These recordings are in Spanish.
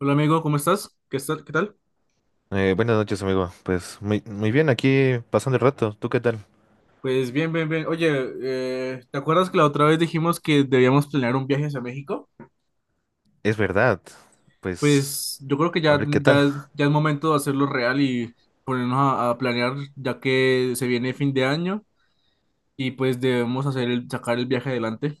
Hola amigo, ¿cómo estás? ¿Qué tal? Buenas noches, amigo. Pues muy bien, aquí pasando el rato. ¿Tú qué tal? Pues bien, bien, bien. Oye, ¿te acuerdas que la otra vez dijimos que debíamos planear un viaje hacia México? Es verdad. Pues Pues yo creo que a ver qué tal. Ya es momento de hacerlo real y ponernos a planear ya que se viene fin de año y pues debemos sacar el viaje adelante.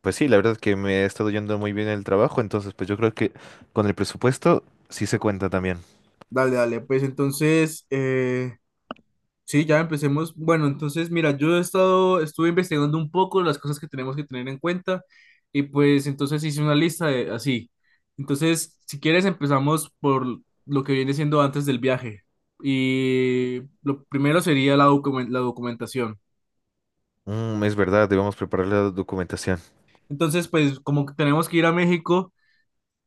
Pues sí, la verdad es que me ha estado yendo muy bien el trabajo, entonces pues yo creo que con el presupuesto sí se cuenta también. Dale, dale, pues entonces sí, ya empecemos. Bueno, entonces, mira, estuve investigando un poco las cosas que tenemos que tener en cuenta y pues entonces hice una lista de así. Entonces, si quieres, empezamos por lo que viene siendo antes del viaje. Y lo primero sería la documentación. Es verdad, debemos preparar la documentación. Entonces, pues como que tenemos que ir a México,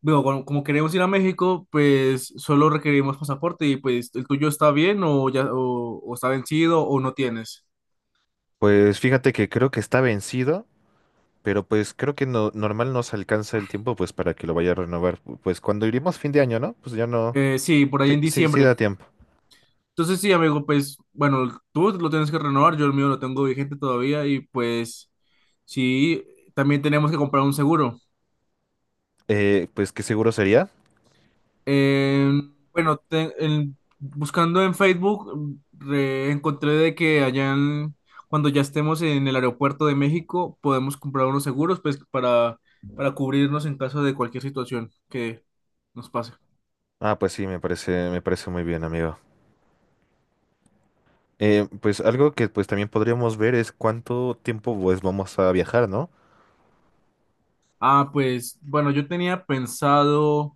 bueno, como, como queremos ir a México, pues solo requerimos pasaporte. Y pues el tuyo, ¿está bien o ya o está vencido o no tienes? Pues fíjate que creo que está vencido, pero pues creo que no, normal nos alcanza el tiempo pues para que lo vaya a renovar. Pues cuando iremos fin de año, ¿no? Pues ya no. Sí, por ahí Sí, en sí, sí diciembre. da tiempo. Entonces sí, amigo, pues bueno, tú lo tienes que renovar, yo el mío lo tengo vigente todavía y pues sí, también tenemos que comprar un seguro. Pues qué seguro sería. Eh, bueno, buscando en Facebook, encontré de que cuando ya estemos en el aeropuerto de México, podemos comprar unos seguros pues para cubrirnos en caso de cualquier situación que nos pase. Ah, pues sí, me parece muy bien, amigo. Pues algo que pues también podríamos ver es cuánto tiempo pues vamos a viajar, ¿no? Ah, pues bueno, yo tenía pensado...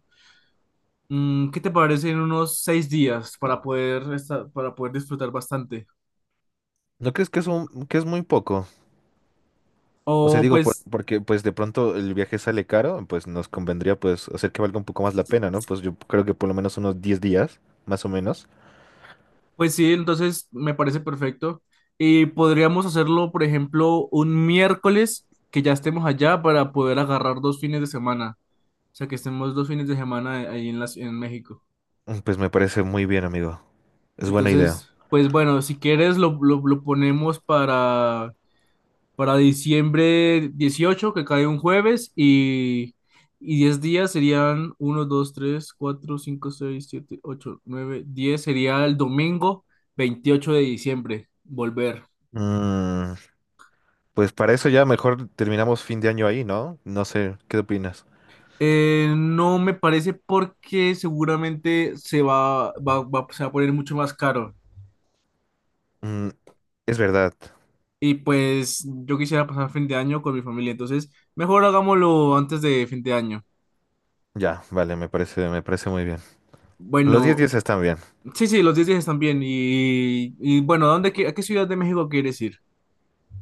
¿Qué te parece en unos 6 días para poder disfrutar bastante? ¿No crees que es un- que es muy poco? O sea, O digo, pues, porque pues de pronto el viaje sale caro, pues nos convendría pues hacer que valga un poco más la pena, ¿no? Pues yo creo que por lo menos unos 10 días, más o menos. pues sí, entonces me parece perfecto. Y podríamos hacerlo, por ejemplo, un miércoles que ya estemos allá para poder agarrar dos fines de semana. O sea, que estemos dos fines de semana ahí en en México. Pues me parece muy bien, amigo. Es buena idea. Entonces, pues bueno, si quieres lo ponemos para diciembre 18, que cae un jueves, y 10 días serían uno 2 3 4 5 6 7 8 9 diez. Sería el domingo 28 de diciembre, volver. Mm, pues para eso ya mejor terminamos fin de año ahí, ¿no? No sé, ¿qué opinas? No me parece porque seguramente se va a poner mucho más caro. Mm, es verdad. Y pues yo quisiera pasar fin de año con mi familia, entonces mejor hagámoslo antes de fin de año. Ya, vale, me parece muy bien. Los 10 Bueno, días están bien. sí, sí, los 10 días están bien. Y bueno, ¿a qué ciudad de México quieres ir?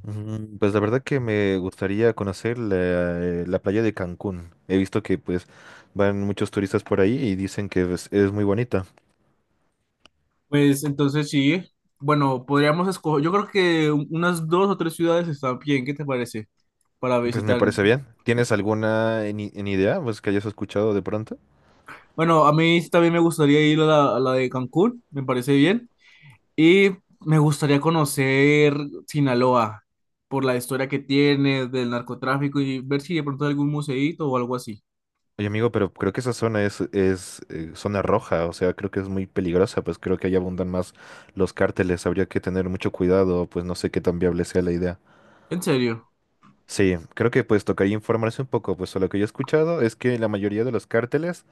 Pues la verdad que me gustaría conocer la, la playa de Cancún. He visto que pues van muchos turistas por ahí y dicen que pues, es muy bonita. Pues entonces sí, bueno, podríamos escoger, yo creo que unas dos o tres ciudades están bien, ¿qué te parece? Para Pues me visitar. parece bien. ¿Tienes alguna en idea pues que hayas escuchado de pronto? Bueno, a mí sí también me gustaría ir a a la de Cancún, me parece bien. Y me gustaría conocer Sinaloa por la historia que tiene del narcotráfico y ver si de pronto hay algún museíto o algo así. Oye amigo, pero creo que esa zona es zona roja, o sea, creo que es muy peligrosa, pues creo que ahí abundan más los cárteles. Habría que tener mucho cuidado, pues no sé qué tan viable sea la idea. ¿En serio? Sí, creo que pues tocaría informarse un poco, pues a lo que yo he escuchado es que la mayoría de los cárteles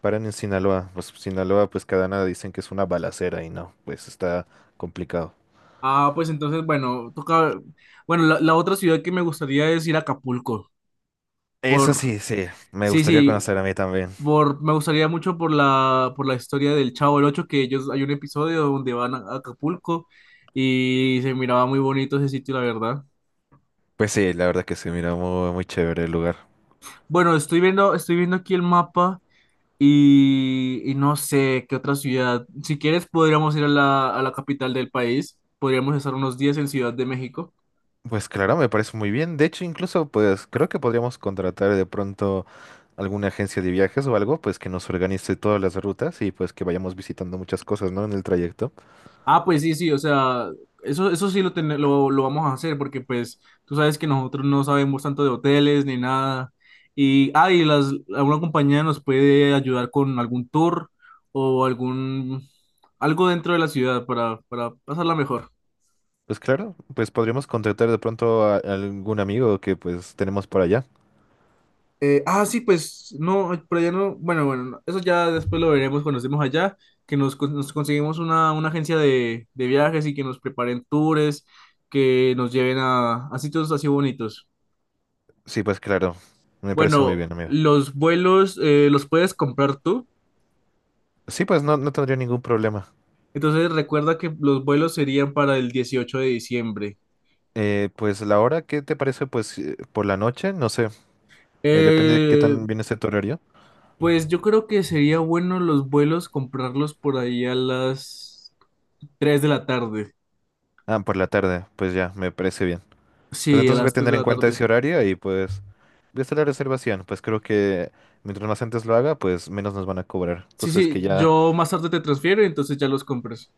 paran en Sinaloa. Pues Sinaloa, pues Cadena dicen que es una balacera y no, pues está complicado. Ah, pues entonces, bueno, toca. Bueno, la otra ciudad que me gustaría es ir a Acapulco. Eso Por. sí, sí, me Sí, gustaría sí. conocer a mí también. Por, me gustaría mucho por por la historia del Chavo del Ocho, que ellos hay un episodio donde van a Acapulco y se miraba muy bonito ese sitio, la verdad. Pues sí, la verdad que se mira muy chévere el lugar. Bueno, estoy viendo aquí el mapa y no sé qué otra ciudad. Si quieres, podríamos ir a a la capital del país. Podríamos estar unos días en Ciudad de México. Pues claro, me parece muy bien. De hecho, incluso, pues creo que podríamos contratar de pronto alguna agencia de viajes o algo, pues que nos organice todas las rutas y pues que vayamos visitando muchas cosas, ¿no? En el trayecto. Ah, pues sí, sí, o sea, eso sí lo vamos a hacer porque pues tú sabes que nosotros no sabemos tanto de hoteles ni nada. Y, ah, y alguna compañía nos puede ayudar con algún tour o algún, algo dentro de la ciudad para pasarla mejor. Pues claro, pues podríamos contratar de pronto a algún amigo que pues tenemos por allá. Ah, sí, pues no, pero ya no, bueno, bueno, no, eso ya después lo veremos cuando estemos allá, que nos conseguimos una agencia de viajes y que nos preparen tours, que nos lleven a sitios así bonitos. Sí, pues claro, me parece muy Bueno, bien, amigo. los vuelos los puedes comprar tú. Sí, pues no, no tendría ningún problema. Entonces recuerda que los vuelos serían para el 18 de diciembre. Pues la hora, ¿qué te parece? Pues por la noche, no sé, depende de qué Eh, tan bien esté tu horario. pues yo creo que sería bueno los vuelos comprarlos por ahí a las 3 de la tarde. Ah, por la tarde, pues ya, me parece bien. Pues Sí, a entonces voy a las tres tener de en la cuenta tarde. ese horario y pues voy a hacer la reservación. Pues creo que mientras más antes lo haga, pues menos nos van a cobrar. Sí, Entonces ves que sí, ya, yo más tarde te transfiero y entonces ya los compras.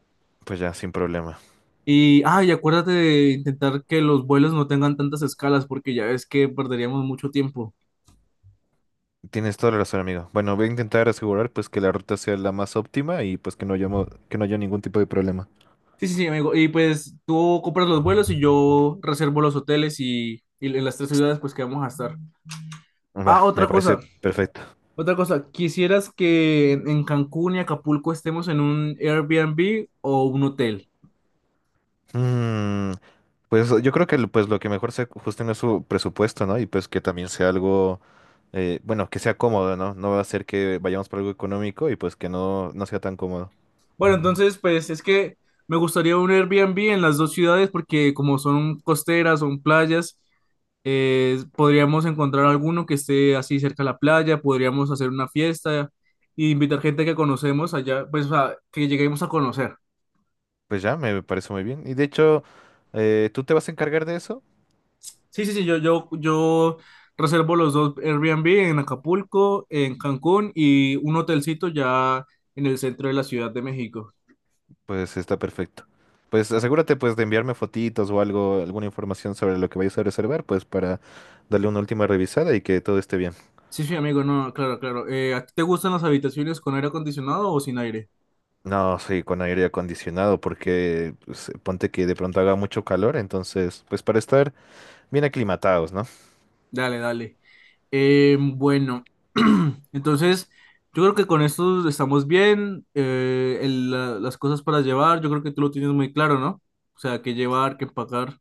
pues ya, sin problema. Y, ah, y acuérdate de intentar que los vuelos no tengan tantas escalas porque ya ves que perderíamos mucho tiempo. Tienes toda la razón, amigo. Bueno, voy a intentar asegurar pues que la ruta sea la más óptima y pues que no haya, que no haya ningún tipo de problema. Sí, sí, sí, amigo. Y pues tú compras los vuelos y yo reservo los hoteles y en las tres ciudades pues que vamos a estar. Ah, Va, me otra parece cosa, perfecto. otra cosa. ¿Quisieras que en Cancún y Acapulco estemos en un Airbnb o un hotel? Mm, Pues yo creo que pues lo que mejor se ajusten es su presupuesto, ¿no? Y pues que también sea algo, bueno, que sea cómodo, ¿no? No va a ser que vayamos por algo económico y pues que no, no sea tan cómodo. Bueno, entonces pues es que me gustaría un Airbnb en las dos ciudades porque como son costeras, son playas, podríamos encontrar alguno que esté así cerca de la playa, podríamos hacer una fiesta e invitar gente que conocemos allá, pues o sea, que lleguemos a conocer. Pues ya, me parece muy bien. Y de hecho, ¿tú te vas a encargar de eso? Sí, sí, sí, yo reservo los dos Airbnb en Acapulco, en Cancún y un hotelcito ya en el centro de la Ciudad de México. Pues está perfecto. Pues asegúrate pues de enviarme fotitos o algo, alguna información sobre lo que vayas a reservar, pues para darle una última revisada y que todo esté bien. Sí, sí, amigo, no, claro, claro. ¿A ti te gustan las habitaciones con aire acondicionado o sin aire? No, sí, con aire acondicionado, porque pues, ponte que de pronto haga mucho calor, entonces, pues para estar bien aclimatados, ¿no? Dale, dale. Bueno, entonces yo creo que con esto estamos bien. Las cosas para llevar, yo creo que tú lo tienes muy claro, ¿no? O sea, qué llevar, qué empacar.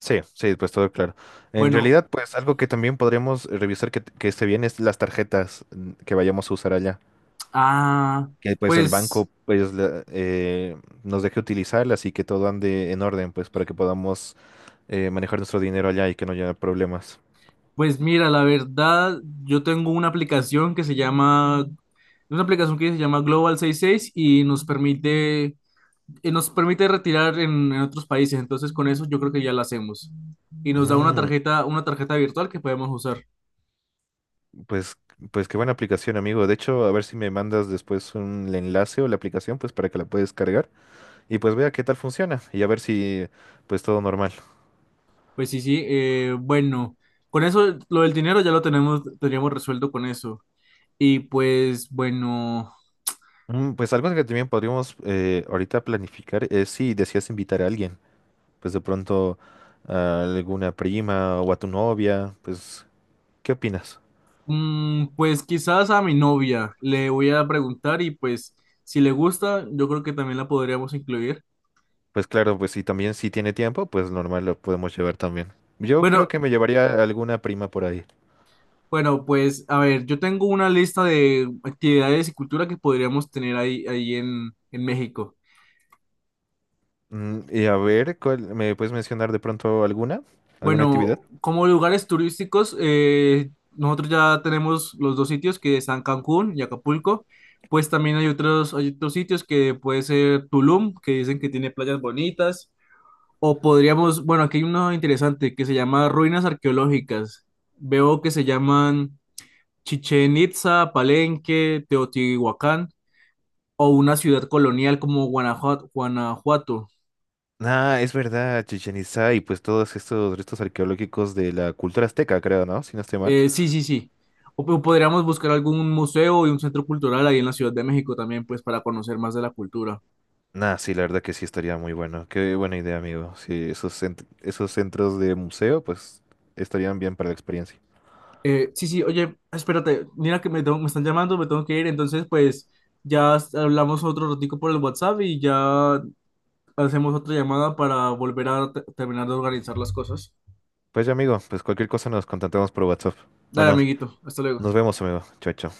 Sí, sí, pues todo claro. En Bueno, realidad, pues algo que también podremos revisar que esté bien es las tarjetas que vayamos a usar allá. ah, Que pues el pues. banco pues nos deje utilizarlas y que todo ande en orden, pues para que podamos manejar nuestro dinero allá y que no haya problemas. Pues mira, la verdad, yo tengo una aplicación que se llama Global 66 y nos permite retirar en otros países. Entonces, con eso yo creo que ya la hacemos. Y nos da Mm, una tarjeta virtual que podemos usar. pues, pues qué buena aplicación, amigo. De hecho, a ver si me mandas después un enlace o la aplicación, pues para que la puedas cargar y pues vea qué tal funciona y a ver si pues todo normal. Pues sí, sí. Bueno, con eso, lo del dinero ya lo tenemos, teníamos resuelto con eso. Y pues, bueno, Pues algo que también podríamos ahorita planificar es si deseas invitar a alguien, pues de pronto a alguna prima o a tu novia, pues ¿qué opinas? Pues quizás a mi novia le voy a preguntar y pues, si le gusta, yo creo que también la podríamos incluir. Pues claro, pues si también si tiene tiempo, pues normal lo podemos llevar también. Yo creo Bueno, que me llevaría a alguna prima por ahí. bueno, pues a ver, yo tengo una lista de actividades y cultura que podríamos tener ahí, ahí en México. Y a ver, ¿me puedes mencionar de pronto alguna? ¿Alguna actividad? Bueno, como lugares turísticos, nosotros ya tenemos los dos sitios que están Cancún y Acapulco. Pues también hay otros sitios que puede ser Tulum, que dicen que tiene playas bonitas. O podríamos, bueno, aquí hay uno interesante que se llama ruinas arqueológicas. Veo que se llaman Chichen Itza, Palenque, Teotihuacán. O una ciudad colonial como Guanajuato. Guanajuato. Ah, es verdad, Chichén Itzá y pues todos estos restos arqueológicos de la cultura azteca, creo, ¿no? Si no estoy mal. Sí, sí, sí. O, podríamos buscar algún museo y un centro cultural ahí en la Ciudad de México también, pues para conocer más de la cultura. Nah, sí, la verdad que sí estaría muy bueno. Qué buena idea, amigo. Sí, esos centros de museo, pues estarían bien para la experiencia. Sí, sí, oye, espérate, mira que me están llamando, me tengo que ir, entonces pues hablamos otro ratico por el WhatsApp y ya hacemos otra llamada para volver terminar de organizar las cosas. Pues ya, amigo, pues cualquier cosa nos contactamos por WhatsApp. Dale, Bueno, amiguito, hasta luego. nos vemos, amigo. Chao, chao.